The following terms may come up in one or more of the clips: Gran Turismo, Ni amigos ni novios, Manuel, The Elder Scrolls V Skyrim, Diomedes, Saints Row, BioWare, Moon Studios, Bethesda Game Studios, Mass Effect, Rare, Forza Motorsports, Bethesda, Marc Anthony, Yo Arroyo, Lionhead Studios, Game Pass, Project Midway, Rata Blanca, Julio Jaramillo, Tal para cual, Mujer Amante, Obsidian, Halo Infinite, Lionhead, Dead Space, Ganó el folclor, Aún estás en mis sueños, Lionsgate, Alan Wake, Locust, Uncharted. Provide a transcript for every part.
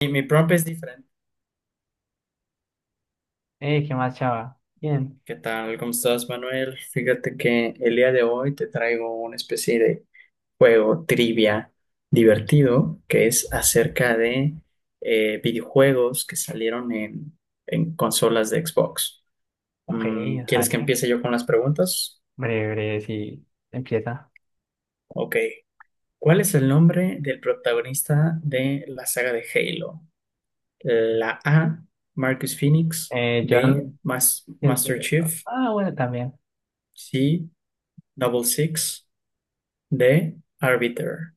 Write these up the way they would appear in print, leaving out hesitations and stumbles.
Y mi prompt es diferente. ¿Qué más, chava? Bien. ¿Qué tal? ¿Cómo estás, Manuel? Fíjate que el día de hoy te traigo una especie de juego trivia divertido que es acerca de videojuegos que salieron en consolas de Xbox. Ok, ¿Quieres que dale. empiece yo con las preguntas? Breve, breve, sí. Empieza. Ok. ¿Cuál es el nombre del protagonista de la saga de Halo? La A, Marcus Phoenix. Eh, B, John, siento... Master Chief. Ah, bueno, también. C, Double Six. De Arbiter.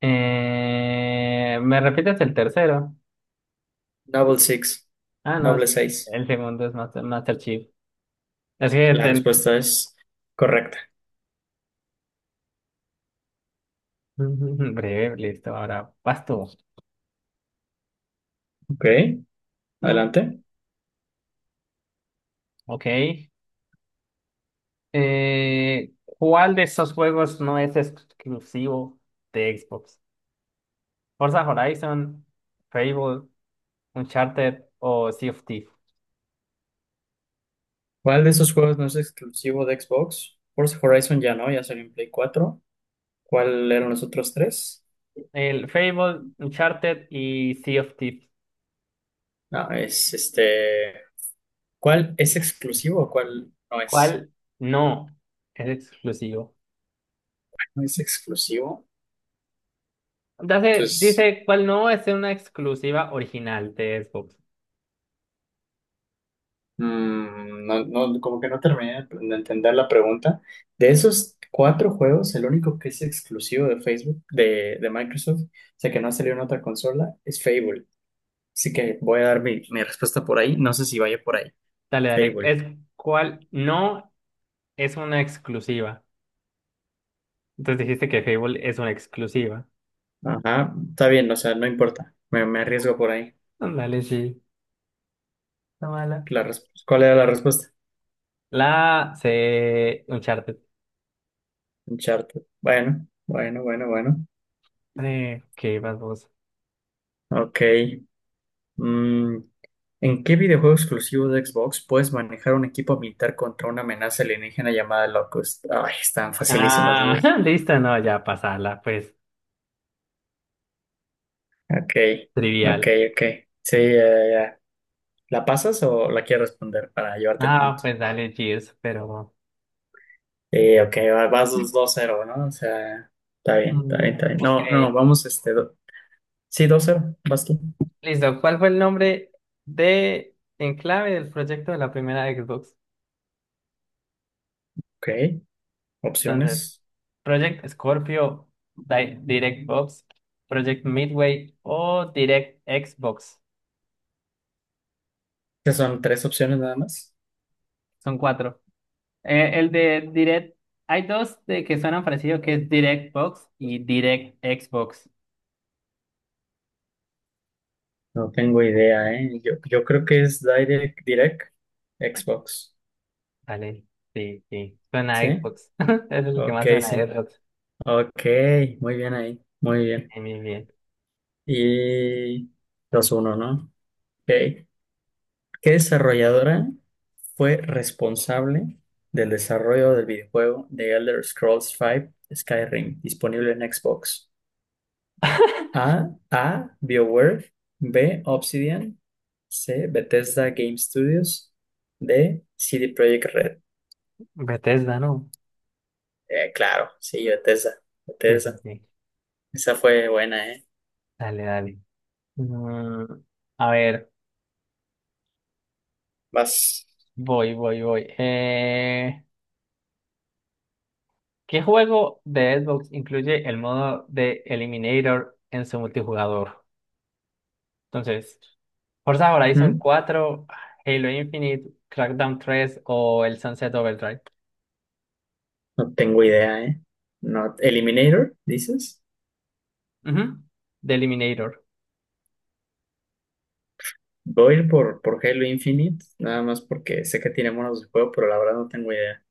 ¿Me repites el tercero? Double six, Ah, no, doble sí. seis. El segundo es Master Chief. Es que... La respuesta es correcta. Breve, listo. Ahora, vas tú. Ok, Mm, adelante. ok. ¿Cuál de esos juegos no es exclusivo de Xbox? ¿Forza Horizon, Fable, Uncharted o Sea of Thieves? ¿Cuál de esos juegos no es exclusivo de Xbox? Forza Horizon ya no, ya salió en Play 4. ¿Cuál eran los otros tres? El Fable, Uncharted y Sea of Thieves. No, es este. ¿Cuál es exclusivo o cuál no es? ¿Cuál no es exclusivo? No es exclusivo. Dice, Entonces. dice cuál no es una exclusiva original de Xbox. No, no, como que no terminé de entender la pregunta. De esos cuatro juegos, el único que es exclusivo de Facebook, de Microsoft, o sea que no ha salido en otra consola, es Fable. Así que voy a dar mi respuesta por ahí. No sé si vaya por ahí. Dale, dale. Fable. Es cuál no es una exclusiva. Entonces dijiste que Fable es una exclusiva. Ajá, está bien, o sea, no importa. Me arriesgo por ahí. Dale, sí. Está mala. ¿Cuál era la respuesta? La C, Uncharted. Uncharted. Bueno, bueno, bueno, bueno. ¿Qué vas vos? Ok. Mm, ¿en qué videojuego exclusivo de Xbox puedes manejar un equipo militar contra una amenaza alienígena llamada Locust? Ay, están facilísimas Ah, esas. listo, no, ya pasala, pues Ok, ok, trivial. ok. Sí, ya, ya. ¿La pasas o la quieres responder para llevarte el Ah, punto? pues dale, Gears, pero... Sí, ok, vas 2-0, ¿no? O sea, está bien, está Mm, bien, está bien. ok. No, no, vamos, este, sí, 2-0, vas tú. Listo, ¿cuál fue el nombre de enclave del proyecto de la primera Xbox? Ok, Entonces, opciones. Project Scorpio, DirectBox, Project Midway o Direct Xbox. Estas son tres opciones nada más. Son cuatro. El de Direct, hay dos de que suenan parecido que es DirectBox y Direct Xbox. No tengo idea, ¿eh? Yo creo que es Direct, Xbox, Vale, sí, sí, suena a ¿sí? Xbox. Es el que Ok, más suena a sí. Xbox. Ok, muy bien ahí. Muy bien. Bien, bien, bien. Y 2-1, ¿no? Ok. ¿Qué desarrolladora fue responsable del desarrollo del videojuego The Elder Scrolls V Skyrim, disponible en Xbox? A. BioWare. B. Obsidian. C. Bethesda Game Studios. D. CD Projekt Red. Bethesda, ¿no? Claro, sí, Bethesda. Sí, sí, Bethesda. sí. Esa fue buena, ¿eh? Dale, dale. Mm, a ver. Vas. Voy, voy, voy. ¿Qué juego de Xbox incluye el modo de Eliminator en su multijugador? Entonces, Forza Horizon 4, Halo Infinite, Crackdown 3 o el Sunset Overdrive. No tengo idea, ¿eh? No, Eliminator, dices. Ujú, de Eliminator. Voy a ir por Halo Infinite, nada más porque sé que tiene monos de juego, pero la verdad no tengo idea.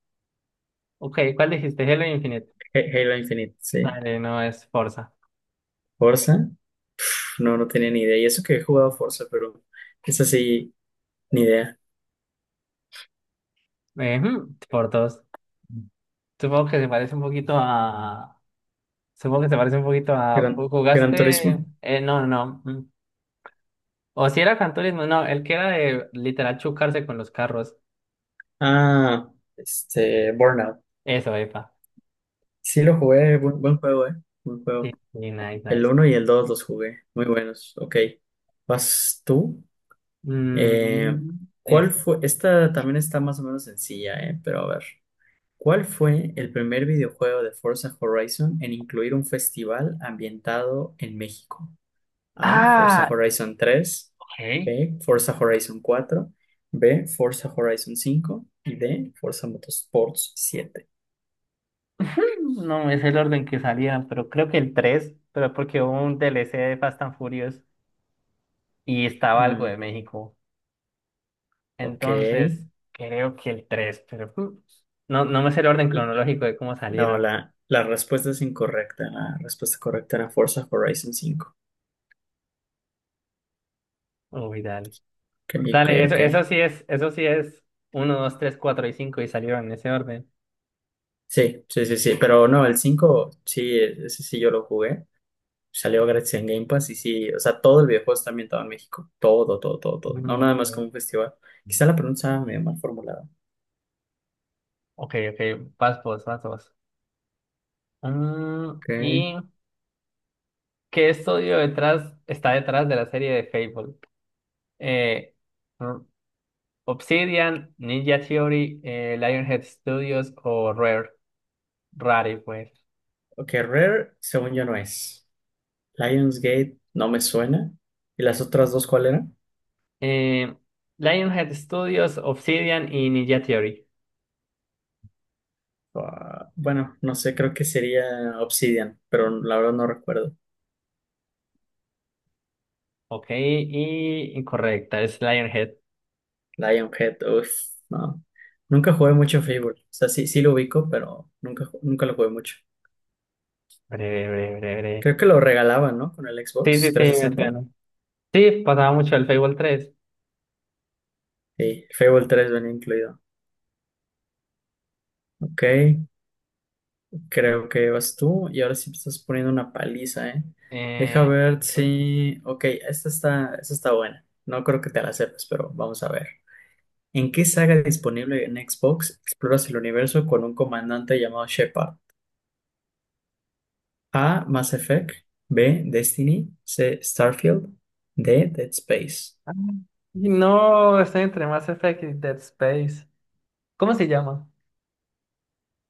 Ok, ¿cuál dijiste? Halo Infinite. Halo Infinite, sí. Dale, no es Forza. Forza, pf, no, no tenía ni idea. Y eso que he jugado Forza, pero es así, ni idea. Ujú, por dos. Supongo que se parece un poquito a. Supongo que se parece un poquito a. Gran ¿Jugaste? Turismo. No, no. No. O si era Gran Turismo, no, el que era de literal chocarse con los carros. Ah, este, Burnout. Eso, epa. Sí lo jugué, buen juego, ¿eh? Buen Sí, juego. sí, nice, El nice. uno y el 2 los jugué, muy buenos. Ok. ¿Vas tú? Eh, Mm, ¿Cuál eso. fue? Esta también está más o menos sencilla, pero a ver. ¿Cuál fue el primer videojuego de Forza Horizon en incluir un festival ambientado en México? A. Forza Ah, Horizon tres ok. B. Forza Horizon 4. B. Forza Horizon 5. Y D. Forza Motorsports 7. No es el orden que salían pero creo que el 3 pero porque hubo un DLC de Fast and Furious y estaba algo de Mm, México. ok. Entonces, creo que el 3 pero no, no me sé el orden L- cronológico de cómo No, salieron. la respuesta es incorrecta. La respuesta correcta era Forza Horizon 5. Uy, dale. Ok, ok, Dale, eso, ok. eso sí es, eso sí es uno 2 3 4 y 5 y salieron en ese orden. Sí, sí, sí, sí, pero no, el 5 sí, ese sí yo lo jugué, salió gratis en Game Pass y sí, o sea, todo el videojuego está ambientado en México, todo, todo, todo, todo, no No, nada más ok. como un festival. Quizá la pregunta estaba medio mal formulada. Ok, ok, vas vos, vas vos. Mm, Ok, ¿y qué estudio detrás está detrás de la serie de Fable? Eh, R- Obsidian, Ninja Theory, Lionhead Studios o Rare, Rare, pues. ok, Rare, según yo no es. Lionsgate no me suena. ¿Y las otras dos cuál eran? Eh, Lionhead Studios, Obsidian y Ninja Theory. Ah, bueno, no sé, creo que sería Obsidian, pero la verdad no recuerdo. Ok, y incorrecta, es Lionhead. Lionhead, uff, no. Nunca jugué mucho Fable, o sea, sí, sí lo ubico, pero nunca lo jugué mucho. Breve, breve, breve, breve. Creo que lo regalaban, ¿no? Con el Sí, sí, Xbox sí, me 360. suena. Sí, pasaba mucho el Fable 3. Sí, Fable 3 venía incluido. Ok, creo que vas tú y ahora sí me estás poniendo una paliza, ¿eh? Deja Eh, ver si... Ok, esta está buena. No creo que te la sepas, pero vamos a ver. ¿En qué saga disponible en Xbox exploras el universo con un comandante llamado Shepard? A. Mass Effect. B. Destiny. C. Starfield. D. Dead Space. Ah, y no, está entre Mass Effect y Dead Space. ¿Cómo se llama?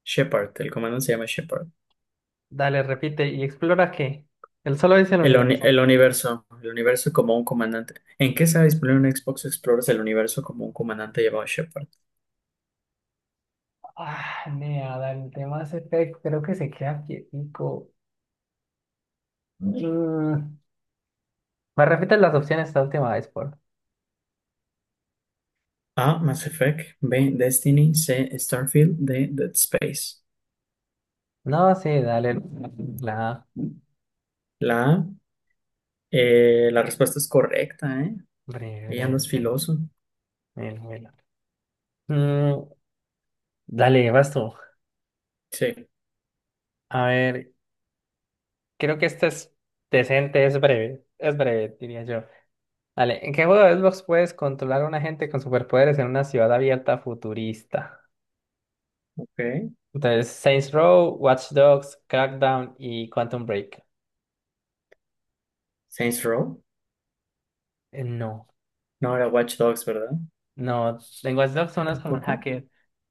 Shepard, el comandante se llama Shepard. Dale, repite y explora qué. Él solo dice el universo. El universo como un comandante. ¿En qué está disponible un Xbox Explorers el universo como un comandante llamado Shepard? Ah, nea, dale, el de Mass Effect creo que se queda quietico. Mm, ¿Me repites las opciones esta última vez, por? A. Mass Effect. B. Destiny. C. Starfield. D. Dead Space. No, sí, dale. La. La A. La respuesta es correcta, ¿eh? Breve, Ahí breve, andas breve, filoso. breve. Mil. Mm, dale, vas tú. Sí. A ver, creo que este es decente, es breve. Es breve, diría yo. Dale, ¿en qué juego de Xbox puedes controlar a un agente con superpoderes en una ciudad abierta futurista? Ok. Entonces, Saints Row, Watch Dogs, Crackdown y Quantum Break. Saints Row. No, No era Watch Dogs, ¿verdad? no, en Watch Dogs uno es como un Tampoco. hacker,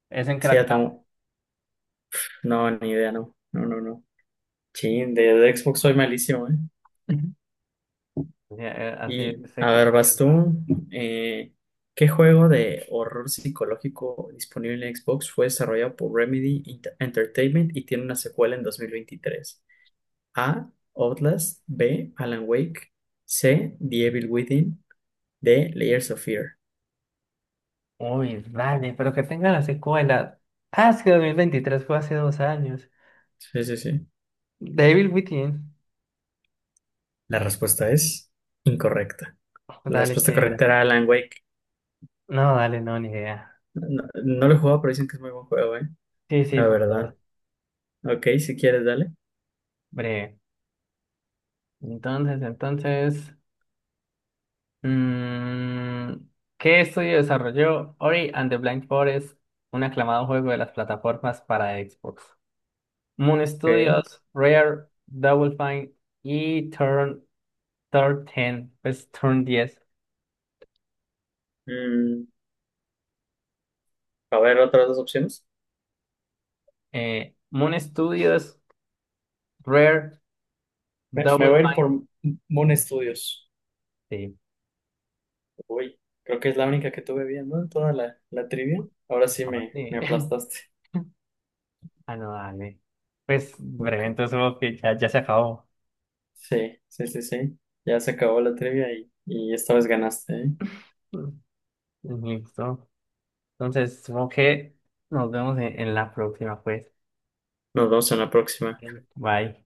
es en Sí, ya Crackdown. tengo. No, ni idea, no. No, no, no. Sí de Xbox soy malísimo, ¿eh? Ujú. Ya, así Y se a ver, vas equilibran roles. tú. Eh, ¿Qué juego de horror psicológico disponible en Xbox fue desarrollado por Remedy Entertainment y tiene una secuela en 2023? A. Outlast. B. Alan Wake. C. The Evil Within. D. Layers of Fear. Uy, dale, pero que tenga la secuela. Ah, es que 2023 fue hace 2 años. Sí, sí, sí. Devil Within. La respuesta es incorrecta. La Dale, respuesta ¿qué era? correcta era Alan Wake. No, dale, no, ni idea. No, no lo he jugado, pero dicen que es muy buen juego, ¿eh? Sí, sí, La fue dos. verdad. Ok, si quieres, dale. Breve. Entonces. Mm, ¿qué estudio desarrolló Ori and the Blind Forest, un aclamado juego de las plataformas para Xbox? Moon Ok. Studios, Rare, Double Fine y Turn 10, pues Turn 10. Mm, a ver, otras dos opciones. Moon Studios, Rare, Me Double voy a ir por Fine. Moon Studios. Sí, Uy, creo que es la única que tuve bien, ¿no? Toda la trivia. Ahora sí no, me, sí. me aplastaste. Ah, no, dale. Pues breve, Ok. entonces supongo que ya, ya se acabó. Sí, sí, sí, sí. Ya se acabó la trivia y esta vez ganaste, ¿eh? Mm, Listo. Entonces, supongo que nos vemos en la próxima, pues. Nos vemos en la próxima. Ok, bye.